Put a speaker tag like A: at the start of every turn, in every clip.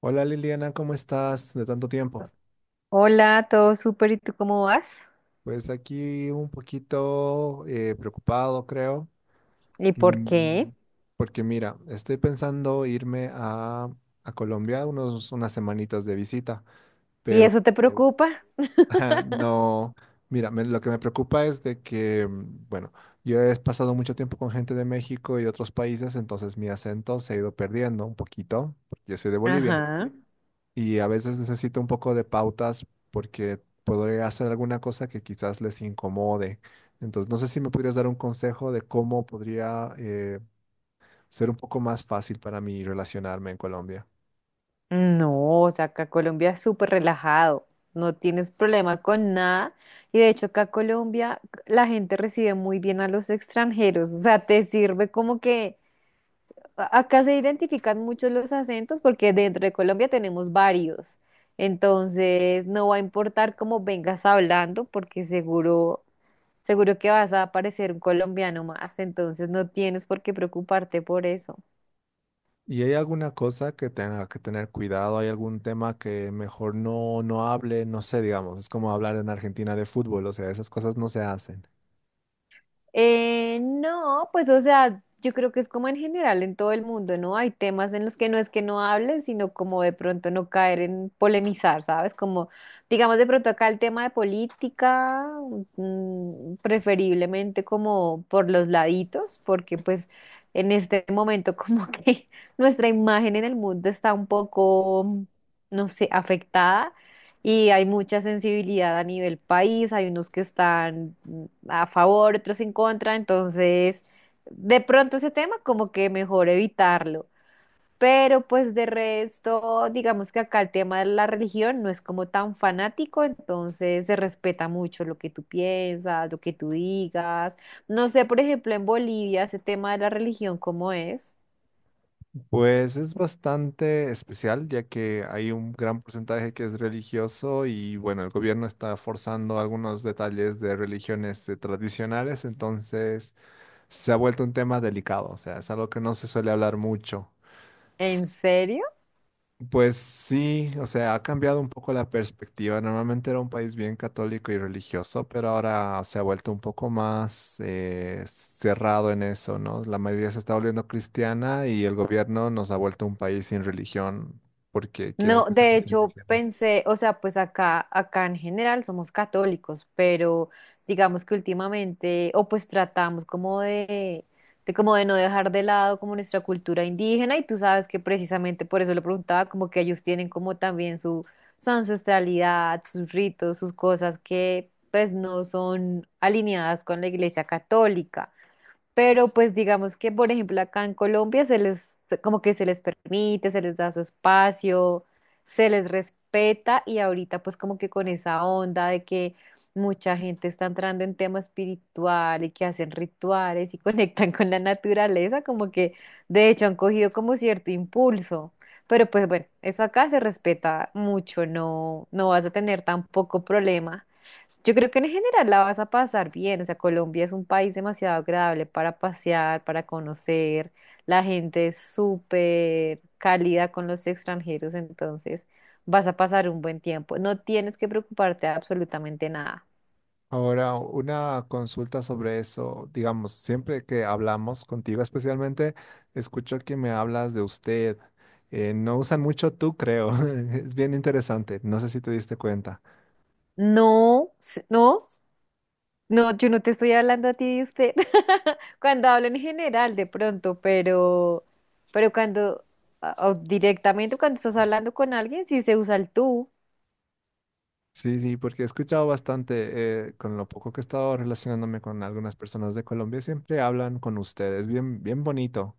A: Hola, Liliana, ¿cómo estás? De tanto tiempo.
B: Hola, todo súper, ¿y tú cómo vas?
A: Pues aquí un poquito preocupado, creo.
B: ¿Y por qué?
A: Mm, Porque mira, estoy pensando irme a Colombia unos, unas semanitas de visita,
B: ¿Y
A: pero
B: eso te preocupa?
A: ajá, no, mira, lo que me preocupa es de que, bueno, yo he pasado mucho tiempo con gente de México y de otros países, entonces mi acento se ha ido perdiendo un poquito, porque yo soy de Bolivia.
B: Ajá.
A: Y a veces necesito un poco de pautas porque podría hacer alguna cosa que quizás les incomode. Entonces, no sé si me podrías dar un consejo de cómo podría ser un poco más fácil para mí relacionarme en Colombia.
B: No, o sea, acá Colombia es súper relajado, no tienes problema con nada. Y de hecho, acá Colombia la gente recibe muy bien a los extranjeros, o sea, te sirve como que acá se identifican mucho los acentos porque dentro de Colombia tenemos varios. Entonces, no va a importar cómo vengas hablando, porque seguro que vas a parecer un colombiano más, entonces no tienes por qué preocuparte por eso.
A: ¿Y hay alguna cosa que tenga que tener cuidado? ¿Hay algún tema que mejor no hable? No sé, digamos, es como hablar en Argentina de fútbol, o sea, esas cosas no se hacen.
B: No, pues o sea, yo creo que es como en general en todo el mundo, ¿no? Hay temas en los que no es que no hables, sino como de pronto no caer en polemizar, ¿sabes? Como, digamos de pronto acá el tema de política, mm, preferiblemente como por los laditos, porque pues en este momento como que nuestra imagen en el mundo está un poco, no sé, afectada. Y hay mucha sensibilidad a nivel país, hay unos que están mm, a favor, otros en contra, entonces de pronto ese tema como que mejor evitarlo. Pero pues de resto, digamos que acá el tema de la religión no es como tan fanático, entonces se respeta mucho lo que tú piensas, lo que tú digas. No sé, por ejemplo, en Bolivia ese tema de la religión, ¿cómo es?
A: Pues es bastante especial, ya que hay un gran porcentaje que es religioso y bueno, el gobierno está forzando algunos detalles de religiones tradicionales, entonces se ha vuelto un tema delicado, o sea, es algo que no se suele hablar mucho.
B: ¿En serio?
A: Pues sí, o sea, ha cambiado un poco la perspectiva. Normalmente era un país bien católico y religioso, pero ahora se ha vuelto un poco más cerrado en eso, ¿no? La mayoría se está volviendo cristiana y el gobierno nos ha vuelto un país sin religión porque quieren
B: No,
A: que
B: de
A: seamos
B: hecho
A: indígenas.
B: pensé, o sea, pues acá en general somos católicos, pero digamos que últimamente, o pues tratamos como de como de no dejar de lado como nuestra cultura indígena, y tú sabes que precisamente por eso le preguntaba, como que ellos tienen como también su ancestralidad, sus ritos, sus cosas que pues no son alineadas con la iglesia católica. Pero pues digamos que, por ejemplo, acá en Colombia se les, como que se les permite, se les da su espacio, se les respeta y ahorita pues como que con esa onda de que mucha gente está entrando en tema espiritual y que hacen rituales y conectan con la naturaleza, como que de hecho han cogido como cierto impulso. Pero pues bueno, eso acá se respeta mucho, no, no vas a tener tampoco problema. Yo creo que en general la vas a pasar bien, o sea, Colombia es un país demasiado agradable para pasear, para conocer, la gente es súper cálida con los extranjeros, entonces vas a pasar un buen tiempo, no tienes que preocuparte de absolutamente nada.
A: Ahora, una consulta sobre eso. Digamos, siempre que hablamos contigo, especialmente, escucho que me hablas de usted. No usan mucho tú, creo. Es bien interesante. No sé si te diste cuenta.
B: No, no, no, yo no te estoy hablando a ti de usted, cuando hablo en general de pronto, pero cuando, directamente cuando estás hablando con alguien, sí se usa el tú.
A: Sí, sí, porque he escuchado bastante, con lo poco que he estado relacionándome con algunas personas de Colombia, siempre hablan con ustedes, bien, bien bonito.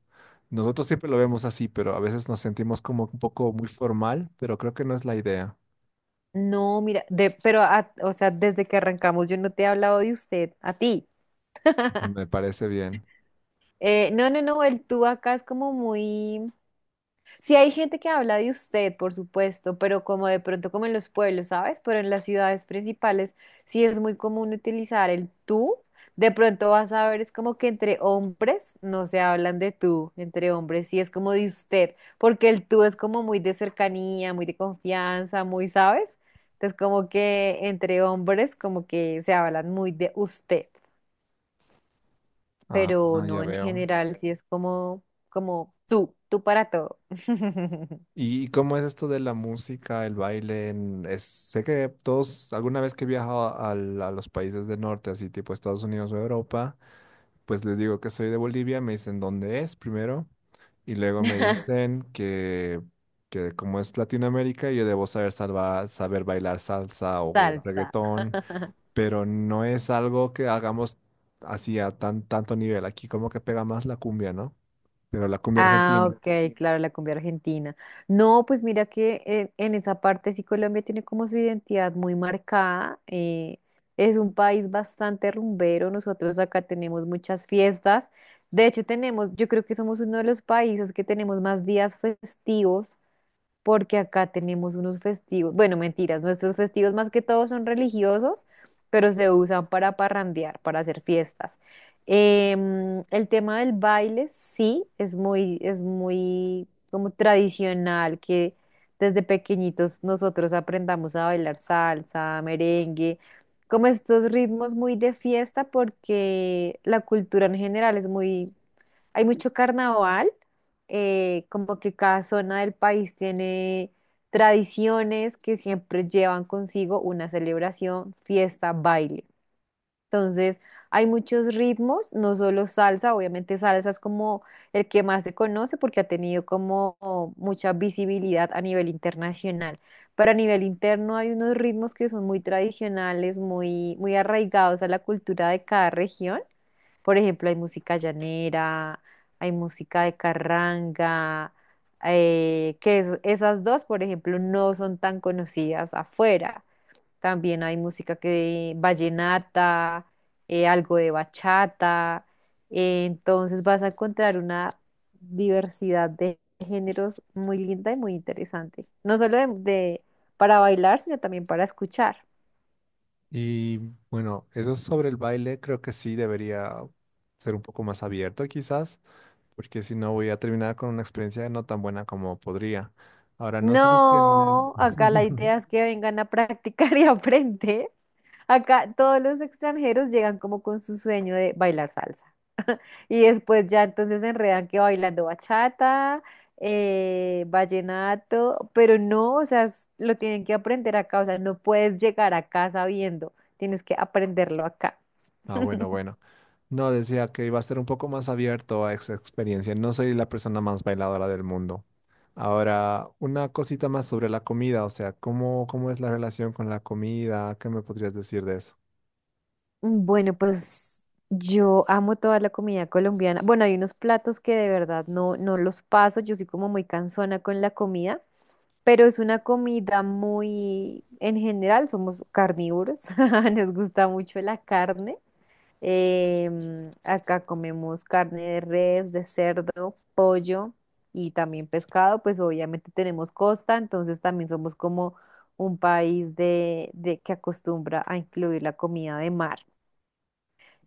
A: Nosotros siempre lo vemos así, pero a veces nos sentimos como un poco muy formal, pero creo que no es la idea.
B: No, mira, de, pero, o sea, desde que arrancamos yo no te he hablado de usted, a ti.
A: Me parece bien.
B: No, no, no, el tú acá es como muy, sí, hay gente que habla de usted, por supuesto, pero como de pronto como en los pueblos, ¿sabes? Pero en las ciudades principales sí es muy común utilizar el tú. De pronto vas a ver, es como que entre hombres no se hablan de tú, entre hombres sí es como de usted, porque el tú es como muy de cercanía, muy de confianza, muy, ¿sabes? Entonces como que entre hombres como que se hablan muy de usted,
A: Ah,
B: pero
A: ah, ya
B: no en
A: veo.
B: general, sí es como, como tú para todo.
A: ¿Y cómo es esto de la música, el baile? Sé que todos, alguna vez que he viajado a los países del norte, así tipo Estados Unidos o Europa, pues les digo que soy de Bolivia, me dicen dónde es primero y luego me dicen que como es Latinoamérica yo debo saber saber bailar salsa o
B: Salsa.
A: reggaetón, pero no es algo que hagamos así a tan, tanto nivel. Aquí como que pega más la cumbia, ¿no? Pero la cumbia
B: Ah,
A: argentina.
B: ok, claro, la cumbia argentina. No, pues mira que en esa parte sí Colombia tiene como su identidad muy marcada. Es un país bastante rumbero. Nosotros acá tenemos muchas fiestas. De hecho, tenemos, yo creo que somos uno de los países que tenemos más días festivos porque acá tenemos unos festivos, bueno, mentiras, nuestros festivos más que todo son religiosos, pero se usan para parrandear, para hacer fiestas. El tema del baile sí es muy como tradicional que desde pequeñitos nosotros aprendamos a bailar salsa, merengue, como estos ritmos muy de fiesta porque la cultura en general es muy hay mucho carnaval, como que cada zona del país tiene tradiciones que siempre llevan consigo una celebración, fiesta, baile. Entonces, hay muchos ritmos, no solo salsa, obviamente salsa es como el que más se conoce porque ha tenido como mucha visibilidad a nivel internacional. Pero a nivel interno hay unos ritmos que son muy tradicionales, muy, muy arraigados a la cultura de cada región. Por ejemplo, hay música llanera, hay música de carranga, que esas dos, por ejemplo, no son tan conocidas afuera. También hay música que vallenata, algo de bachata. Entonces vas a encontrar una diversidad de géneros muy linda y muy interesante. No solo para bailar, sino también para escuchar.
A: Y bueno, eso sobre el baile creo que sí debería ser un poco más abierto quizás, porque si no voy a terminar con una experiencia no tan buena como podría. Ahora, no sé si tienen...
B: No, acá la idea es que vengan a practicar y aprender. Acá todos los extranjeros llegan como con su sueño de bailar salsa. Y después ya entonces se enredan que bailando bachata, vallenato, pero no, o sea, lo tienen que aprender acá, o sea, no puedes llegar acá sabiendo, tienes que aprenderlo acá.
A: Ah, bueno, bueno. No, decía que iba a ser un poco más abierto a esa experiencia. No soy la persona más bailadora del mundo. Ahora, una cosita más sobre la comida, o sea, ¿cómo, cómo es la relación con la comida? ¿Qué me podrías decir de eso?
B: Bueno, pues yo amo toda la comida colombiana. Bueno, hay unos platos que de verdad no, no los paso, yo soy como muy cansona con la comida, pero es una comida muy, en general somos carnívoros, nos gusta mucho la carne. Acá comemos carne de res, de cerdo, pollo y también pescado, pues obviamente tenemos costa, entonces también somos como un país de que acostumbra a incluir la comida de mar.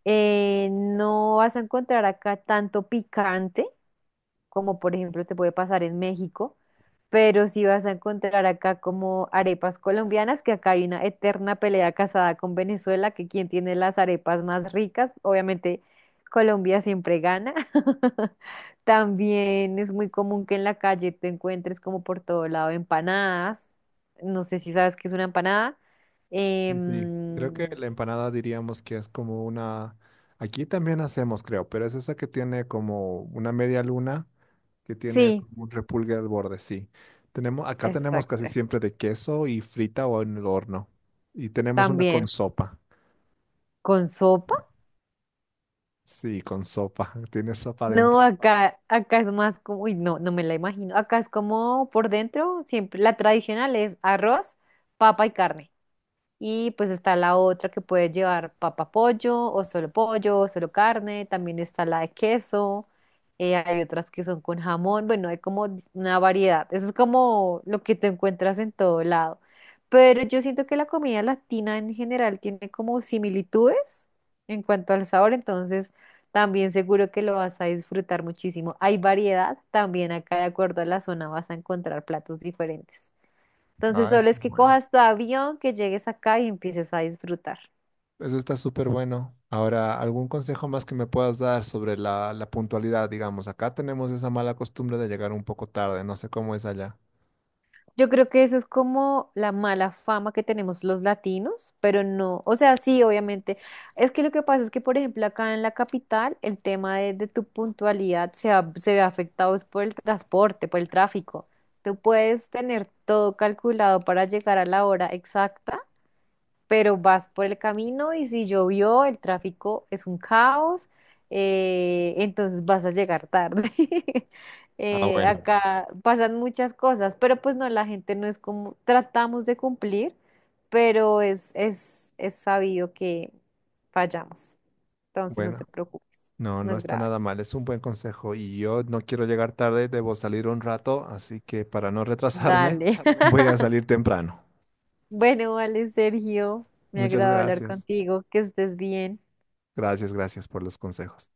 B: No vas a encontrar acá tanto picante, como por ejemplo te puede pasar en México, pero sí vas a encontrar acá como arepas colombianas, que acá hay una eterna pelea casada con Venezuela, que quien tiene las arepas más ricas, obviamente Colombia siempre gana. También es muy común que en la calle te encuentres como por todo lado empanadas. No sé si sabes qué es una empanada.
A: Sí, sí. Creo que
B: Em,
A: la empanada diríamos que es como una... Aquí también hacemos, creo, pero es esa que tiene como una media luna, que tiene
B: sí,
A: como un repulgue al borde, sí. Tenemos, acá tenemos
B: exacto.
A: casi siempre de queso y frita o en el horno. Y tenemos una con
B: También
A: sopa.
B: con sopa.
A: Sí, con sopa. Tiene sopa
B: No,
A: dentro.
B: acá es más como, uy, no, no me la imagino. Acá es como por dentro, siempre, la tradicional es arroz, papa y carne. Y pues está la otra que puede llevar papa pollo o solo carne. También está la de queso. Hay otras que son con jamón. Bueno, hay como una variedad. Eso es como lo que te encuentras en todo lado. Pero yo siento que la comida latina en general tiene como similitudes en cuanto al sabor. Entonces también seguro que lo vas a disfrutar muchísimo. Hay variedad. También acá de acuerdo a la zona vas a encontrar platos diferentes. Entonces
A: Ah,
B: solo
A: eso
B: es
A: es
B: que
A: bueno.
B: cojas tu avión, que llegues acá y empieces a disfrutar.
A: Eso está súper bueno. Ahora, ¿algún consejo más que me puedas dar sobre la, la puntualidad, digamos? Acá tenemos esa mala costumbre de llegar un poco tarde. No sé cómo es allá.
B: Yo creo que eso es como la mala fama que tenemos los latinos, pero no, o sea, sí, obviamente. Es que lo que pasa es que, por ejemplo, acá en la capital, el tema de tu puntualidad se, se ve afectado es por el transporte, por el tráfico. Tú puedes tener todo calculado para llegar a la hora exacta pero vas por el camino y si llovió, el tráfico es un caos, entonces vas a llegar tarde.
A: Ah, bueno.
B: Acá pasan muchas cosas, pero pues no, la gente no es como, tratamos de cumplir, pero es sabido que fallamos, entonces no te
A: Bueno,
B: preocupes,
A: no,
B: no
A: no
B: es
A: está
B: grave.
A: nada mal, es un buen consejo y yo no quiero llegar tarde, debo salir un rato, así que para no retrasarme,
B: Dale.
A: voy a salir temprano.
B: Bueno, vale, Sergio, me ha
A: Muchas
B: agradado hablar
A: gracias.
B: contigo, que estés bien.
A: Gracias, gracias por los consejos.